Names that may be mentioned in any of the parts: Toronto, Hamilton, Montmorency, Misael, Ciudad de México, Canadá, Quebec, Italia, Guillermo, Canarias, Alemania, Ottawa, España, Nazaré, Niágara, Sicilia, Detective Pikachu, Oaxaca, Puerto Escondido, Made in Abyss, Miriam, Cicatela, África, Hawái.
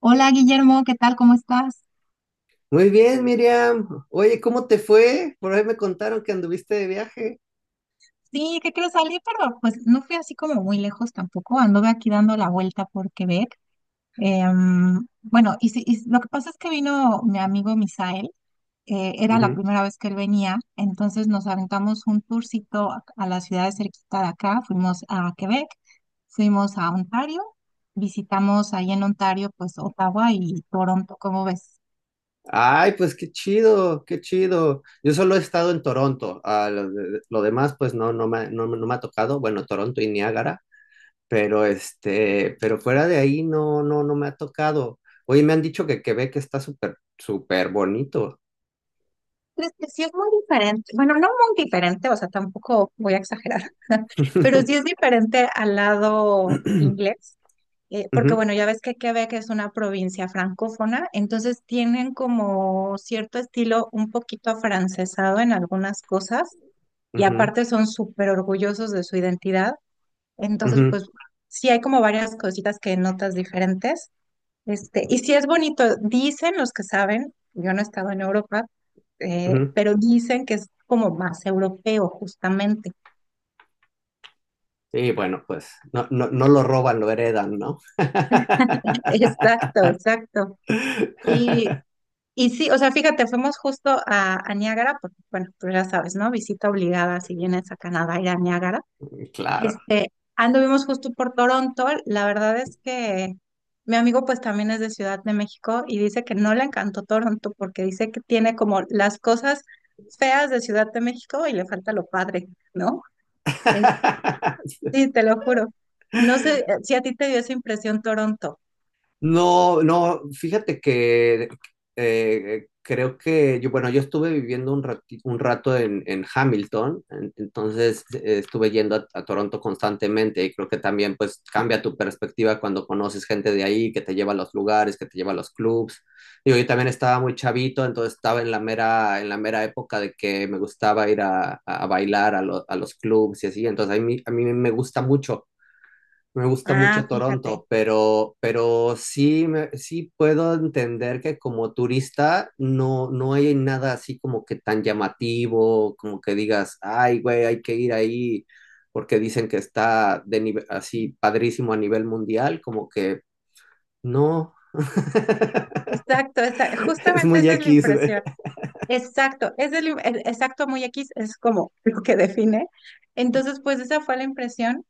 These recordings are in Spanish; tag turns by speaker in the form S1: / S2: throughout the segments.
S1: Hola Guillermo, ¿qué tal? ¿Cómo estás?
S2: Muy bien, Miriam. Oye, ¿cómo te fue? Por ahí me contaron que anduviste de viaje.
S1: Sí, que quiero salir, pero pues no fui así como muy lejos tampoco. Anduve aquí dando la vuelta por Quebec. Bueno, y, y lo que pasa es que vino mi amigo Misael, era la
S2: Ujú.
S1: primera vez que él venía, entonces nos aventamos un tourcito a la ciudad de cerquita de acá. Fuimos a Quebec, fuimos a Ontario, visitamos ahí en Ontario, pues Ottawa y Toronto, ¿cómo ves?
S2: Ay, pues qué chido, qué chido. Yo solo he estado en Toronto. Lo demás, pues no me ha tocado. Bueno, Toronto y Niágara, pero pero fuera de ahí no me ha tocado. Oye, me han dicho que Quebec está súper, súper bonito.
S1: Pues que sí es muy diferente, bueno, no muy diferente, o sea, tampoco voy a exagerar, pero sí es diferente al lado inglés, porque
S2: Ujú,
S1: bueno, ya ves que Quebec es una provincia francófona, entonces tienen como cierto estilo un poquito afrancesado en algunas cosas y
S2: ujú,
S1: aparte son súper orgullosos de su identidad, entonces
S2: ujú,
S1: pues sí hay como varias cositas que notas diferentes. Este, y sí es bonito, dicen los que saben, yo no he estado en Europa,
S2: ujú.
S1: pero dicen que es como más europeo, justamente.
S2: Y bueno, pues no lo roban, lo heredan, ¿no?
S1: Exacto, exacto. Y, y sí, o sea, fíjate, fuimos justo a Niágara, porque bueno, tú ya sabes, ¿no? Visita obligada si vienes a Canadá ir a Niágara.
S2: Claro.
S1: Este, anduvimos justo por Toronto. La verdad es que mi amigo pues también es de Ciudad de México y dice que no le encantó Toronto porque dice que tiene como las cosas feas de Ciudad de México y le falta lo padre, ¿no? Es- sí, te lo juro. No sé si a ti te dio esa impresión Toronto.
S2: No, no, fíjate que creo que yo, bueno, yo estuve viviendo un rato en Hamilton, entonces estuve yendo a Toronto constantemente y creo que también pues cambia tu perspectiva cuando conoces gente de ahí que te lleva a los lugares, que te lleva a los clubs. Digo, yo también estaba muy chavito, entonces estaba en la mera época de que me gustaba ir a bailar a, a los clubs y así, entonces a mí me gusta mucho. Me gusta
S1: Ah,
S2: mucho
S1: fíjate.
S2: Toronto, pero sí, sí puedo entender que como turista no, no hay nada así como que tan llamativo, como que digas, ay, güey, hay que ir ahí porque dicen que está así padrísimo a nivel mundial, como que no.
S1: Exacto,
S2: Es
S1: justamente
S2: muy
S1: esa es la
S2: X, güey.
S1: impresión. Exacto, es el exacto muy X, es como lo que define. Entonces, pues esa fue la impresión.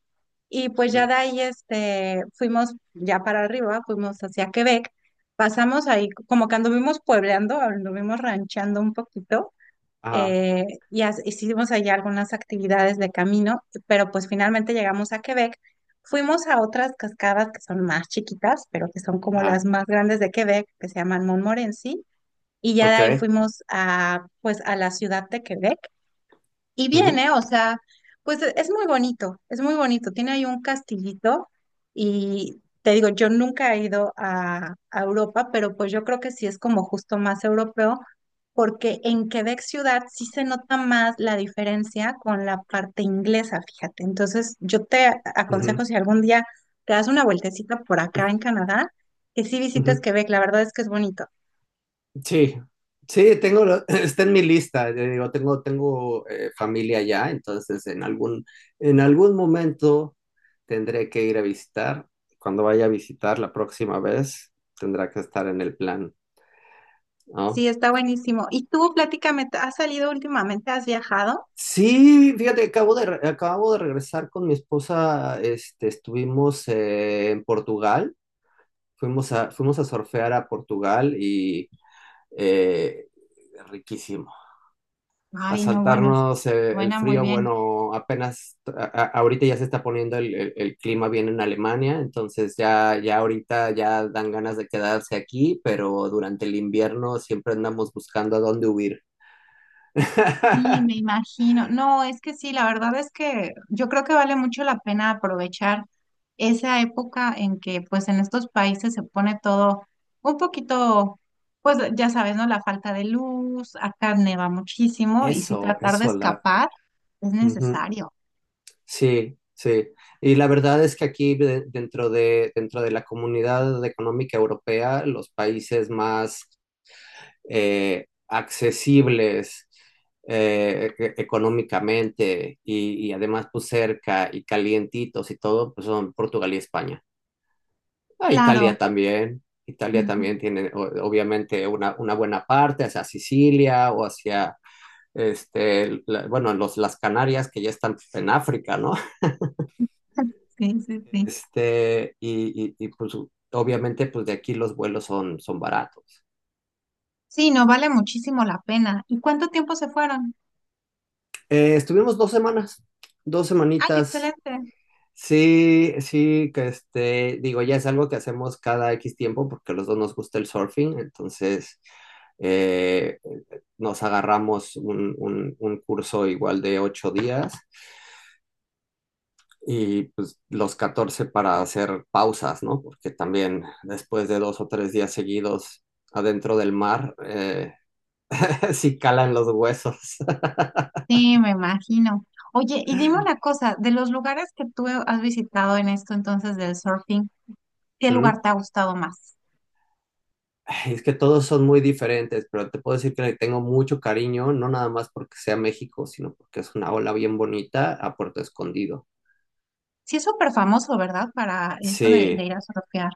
S1: Y pues ya de ahí este, fuimos ya para arriba, fuimos hacia Quebec, pasamos ahí, como que anduvimos puebleando, anduvimos ranchando un poquito,
S2: Ajá,
S1: hicimos allá algunas actividades de camino, pero pues finalmente llegamos a Quebec. Fuimos a otras cascadas que son más chiquitas, pero que son como las
S2: ajá,
S1: más grandes de Quebec, que se llaman Montmorency, y ya de ahí
S2: ok.
S1: fuimos a, pues, a la ciudad de Quebec y
S2: Ujú,
S1: viene, o sea, pues es muy bonito, es muy bonito. Tiene ahí un castillito y te digo, yo nunca he ido a Europa, pero pues yo creo que sí es como justo más europeo, porque en Quebec ciudad sí se nota más la diferencia con la parte inglesa, fíjate. Entonces, yo te aconsejo
S2: ujú,
S1: si algún día te das una vueltecita por acá en Canadá, que sí visites
S2: ujú.
S1: Quebec, la verdad es que es bonito.
S2: Sí, sí, está en mi lista. Te digo, tengo, familia allá, entonces en algún momento tendré que ir a visitar. Cuando vaya a visitar la próxima vez, tendrá que estar en el plan, ¿no?
S1: Sí, está buenísimo. ¿Y tú, platícame, has salido últimamente? ¿Has viajado?
S2: Sí, fíjate, acabo de regresar con mi esposa, este, estuvimos en Portugal, fuimos a surfear a Portugal y eh, riquísimo. A
S1: Ay, no, bueno,
S2: saltarnos el
S1: suena muy
S2: frío.
S1: bien.
S2: Bueno, ahorita ya se está poniendo el clima bien en Alemania, entonces ya ahorita ya dan ganas de quedarse aquí, pero durante el invierno siempre andamos buscando a dónde huir.
S1: Y me imagino, no, es que sí, la verdad es que yo creo que vale mucho la pena aprovechar esa época en que pues en estos países se pone todo un poquito, pues ya sabes, ¿no? La falta de luz, acá neva muchísimo y si
S2: Eso,
S1: tratar de
S2: eso,
S1: escapar es
S2: ujú.
S1: necesario.
S2: Sí, sí. Y la verdad es que aquí dentro de la comunidad económica europea, los países más accesibles económicamente y además pues cerca y calientitos y todo, pues son Portugal y España. Ah, Italia
S1: Claro.
S2: también. Italia
S1: Ujú.
S2: también tiene obviamente una buena parte hacia Sicilia o hacia, bueno, las Canarias que ya están en África, ¿no?
S1: Sí, sí, sí.
S2: Y, y, pues obviamente pues de aquí los vuelos son, son baratos.
S1: Sí, no vale muchísimo la pena. ¿Y cuánto tiempo se fueron?
S2: Estuvimos 2 semanas, dos
S1: Ay,
S2: semanitas.
S1: excelente.
S2: Sí, sí, que digo, ya es algo que hacemos cada X tiempo porque a los dos nos gusta el surfing, entonces eh, nos agarramos un curso igual de 8 días y pues los 14 para hacer pausas, ¿no? Porque también después de 2 o 3 días seguidos adentro del mar, sí calan los huesos.
S1: Sí, me imagino. Oye, y dime una cosa, de los lugares que tú has visitado en esto entonces del surfing, ¿qué lugar te ha gustado más?
S2: Ay, es que todos son muy diferentes, pero te puedo decir que le tengo mucho cariño, no nada más porque sea México, sino porque es una ola bien bonita a Puerto Escondido.
S1: Sí, es súper famoso, ¿verdad? Para eso de
S2: Sí.
S1: ir a surfear.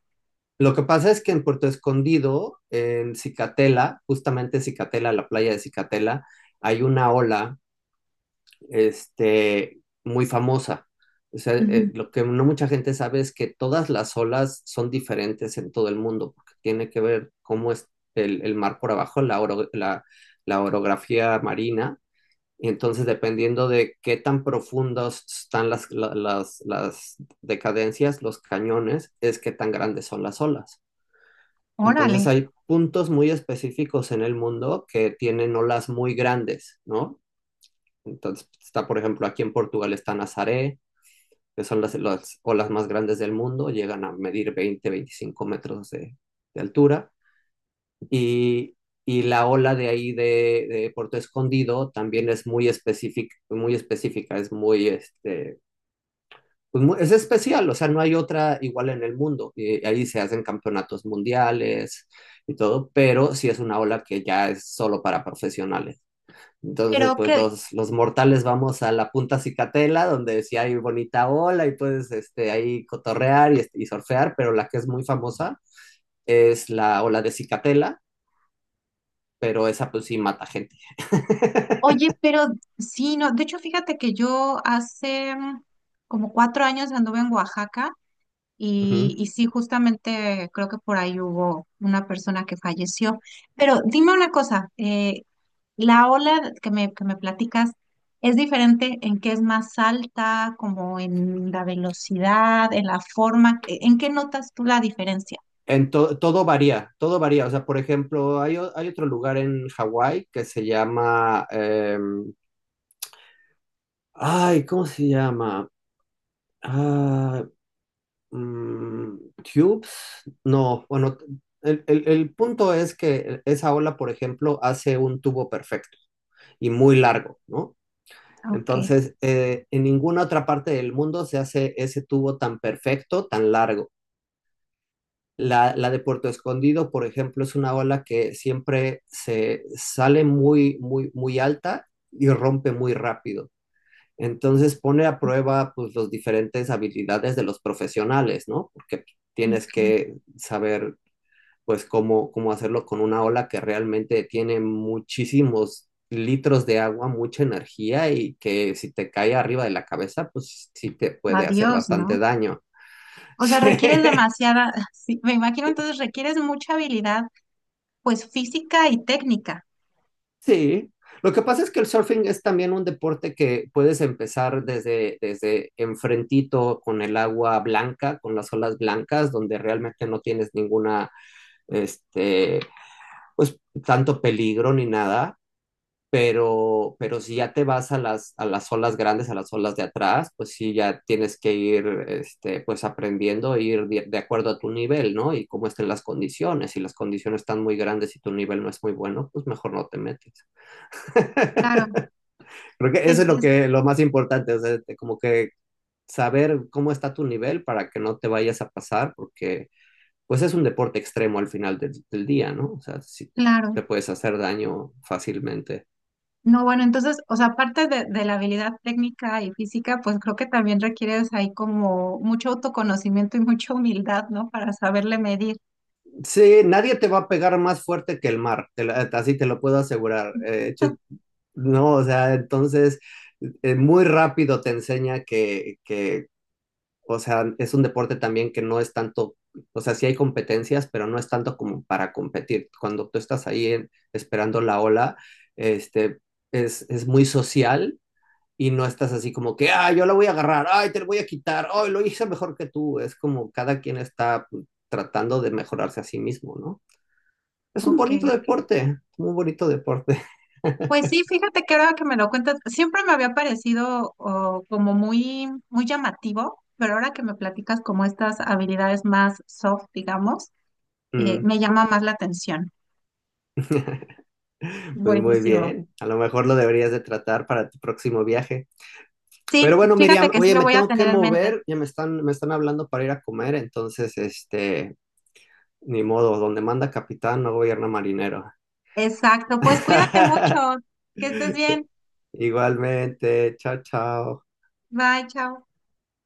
S2: Lo que pasa es que en Puerto Escondido, en Cicatela, justamente Cicatela, la playa de Cicatela, hay una ola muy famosa. O sea,
S1: Ujú.
S2: lo que no mucha gente sabe es que todas las olas son diferentes en todo el mundo, porque tiene que ver cómo es el mar por abajo, la orografía marina, y entonces, dependiendo de qué tan profundas están las decadencias, los cañones, es qué tan grandes son las olas. Entonces,
S1: Órale.
S2: hay puntos muy específicos en el mundo que tienen olas muy grandes, ¿no? Entonces, está, por ejemplo, aquí en Portugal está Nazaré, que son las olas más grandes del mundo, llegan a medir 20, 25 metros de altura. Y, y la ola de ahí de Puerto Escondido también es muy específica, es muy, pues, es especial, o sea, no hay otra igual en el mundo. Y ahí se hacen campeonatos mundiales y todo, pero sí es una ola que ya es solo para profesionales. Entonces,
S1: Pero
S2: pues
S1: que,
S2: los mortales vamos a la punta Cicatela, donde sí hay bonita ola y puedes ahí cotorrear y surfear, pero la que es muy famosa es la ola de Cicatela, pero esa pues sí mata gente.
S1: oye, pero sí, no, de hecho, fíjate que yo hace como 4 años anduve en Oaxaca
S2: Ujú.
S1: y sí, justamente creo que por ahí hubo una persona que falleció. Pero dime una cosa, la ola que me platicas es diferente en que es más alta, como en la velocidad, en la forma. ¿En qué notas tú la diferencia?
S2: Todo varía, todo varía. O sea, por ejemplo, hay otro lugar en Hawái que se llama, ay, ¿cómo se llama? Ah, mm, Tubes, no, bueno, el punto es que esa ola, por ejemplo, hace un tubo perfecto y muy largo, ¿no?
S1: Ok,
S2: Entonces, en ninguna otra parte del mundo se hace ese tubo tan perfecto, tan largo. La de Puerto Escondido, por ejemplo, es una ola que siempre se sale muy, muy, muy alta y rompe muy rápido. Entonces pone a prueba pues las diferentes habilidades de los profesionales, ¿no? Porque tienes
S1: ok.
S2: que saber pues cómo, cómo hacerlo con una ola que realmente tiene muchísimos litros de agua, mucha energía y que si te cae arriba de la cabeza, pues sí te puede hacer
S1: Adiós, ¿no?
S2: bastante daño.
S1: O sea, requieres demasiada, sí, me imagino entonces requieres mucha habilidad, pues física y técnica.
S2: Sí, lo que pasa es que el surfing es también un deporte que puedes empezar desde, desde enfrentito con el agua blanca, con las olas blancas, donde realmente no tienes ninguna, este, pues tanto peligro ni nada, pero si ya te vas a las olas grandes, a las olas de atrás, pues sí ya tienes que ir, pues aprendiendo, ir de acuerdo a tu nivel, ¿no? Y cómo estén las condiciones. Si las condiciones están muy grandes y tu nivel no es muy bueno, pues mejor no te metes.
S1: Claro,
S2: Creo que eso es lo
S1: es
S2: que lo más importante, o sea, como que saber cómo está tu nivel para que no te vayas a pasar, porque pues es un deporte extremo al final del día, ¿no? O sea, si
S1: claro.
S2: te puedes hacer daño fácilmente.
S1: No, bueno, entonces, o sea, aparte de la habilidad técnica y física, pues creo que también requieres ahí como mucho autoconocimiento y mucha humildad, ¿no? Para saberle medir.
S2: Sí, nadie te va a pegar más fuerte que el mar, así te lo puedo asegurar. De hecho, no, o sea, entonces muy rápido te enseña que o sea, es un deporte también que no es tanto, o sea, sí hay competencias, pero no es tanto como para competir. Cuando tú estás ahí esperando la ola, este, es muy social y no estás así como que, ah, yo la voy a agarrar, ay, te la voy a quitar, ay, lo hice mejor que tú. Es como cada quien está pues, tratando de mejorarse a sí mismo, ¿no? Es un
S1: Ok,
S2: bonito
S1: ok.
S2: deporte, muy bonito deporte.
S1: Pues sí, fíjate que ahora que me lo cuentas, siempre me había parecido oh, como muy, muy llamativo, pero ahora que me platicas como estas habilidades más soft, digamos,
S2: Mm.
S1: me llama más la atención.
S2: Pues muy
S1: Buenísimo.
S2: bien, a lo mejor lo deberías de tratar para tu próximo viaje.
S1: Sí,
S2: Pero bueno,
S1: fíjate
S2: Miriam,
S1: que sí
S2: oye,
S1: lo
S2: me
S1: voy a
S2: tengo que
S1: tener en mente.
S2: mover, ya me están hablando para ir a comer, entonces, ni modo, donde manda capitán no gobierna marinero.
S1: Exacto. Pues cuídate mucho. Que estés bien.
S2: Igualmente, chao, chao.
S1: Bye, chao.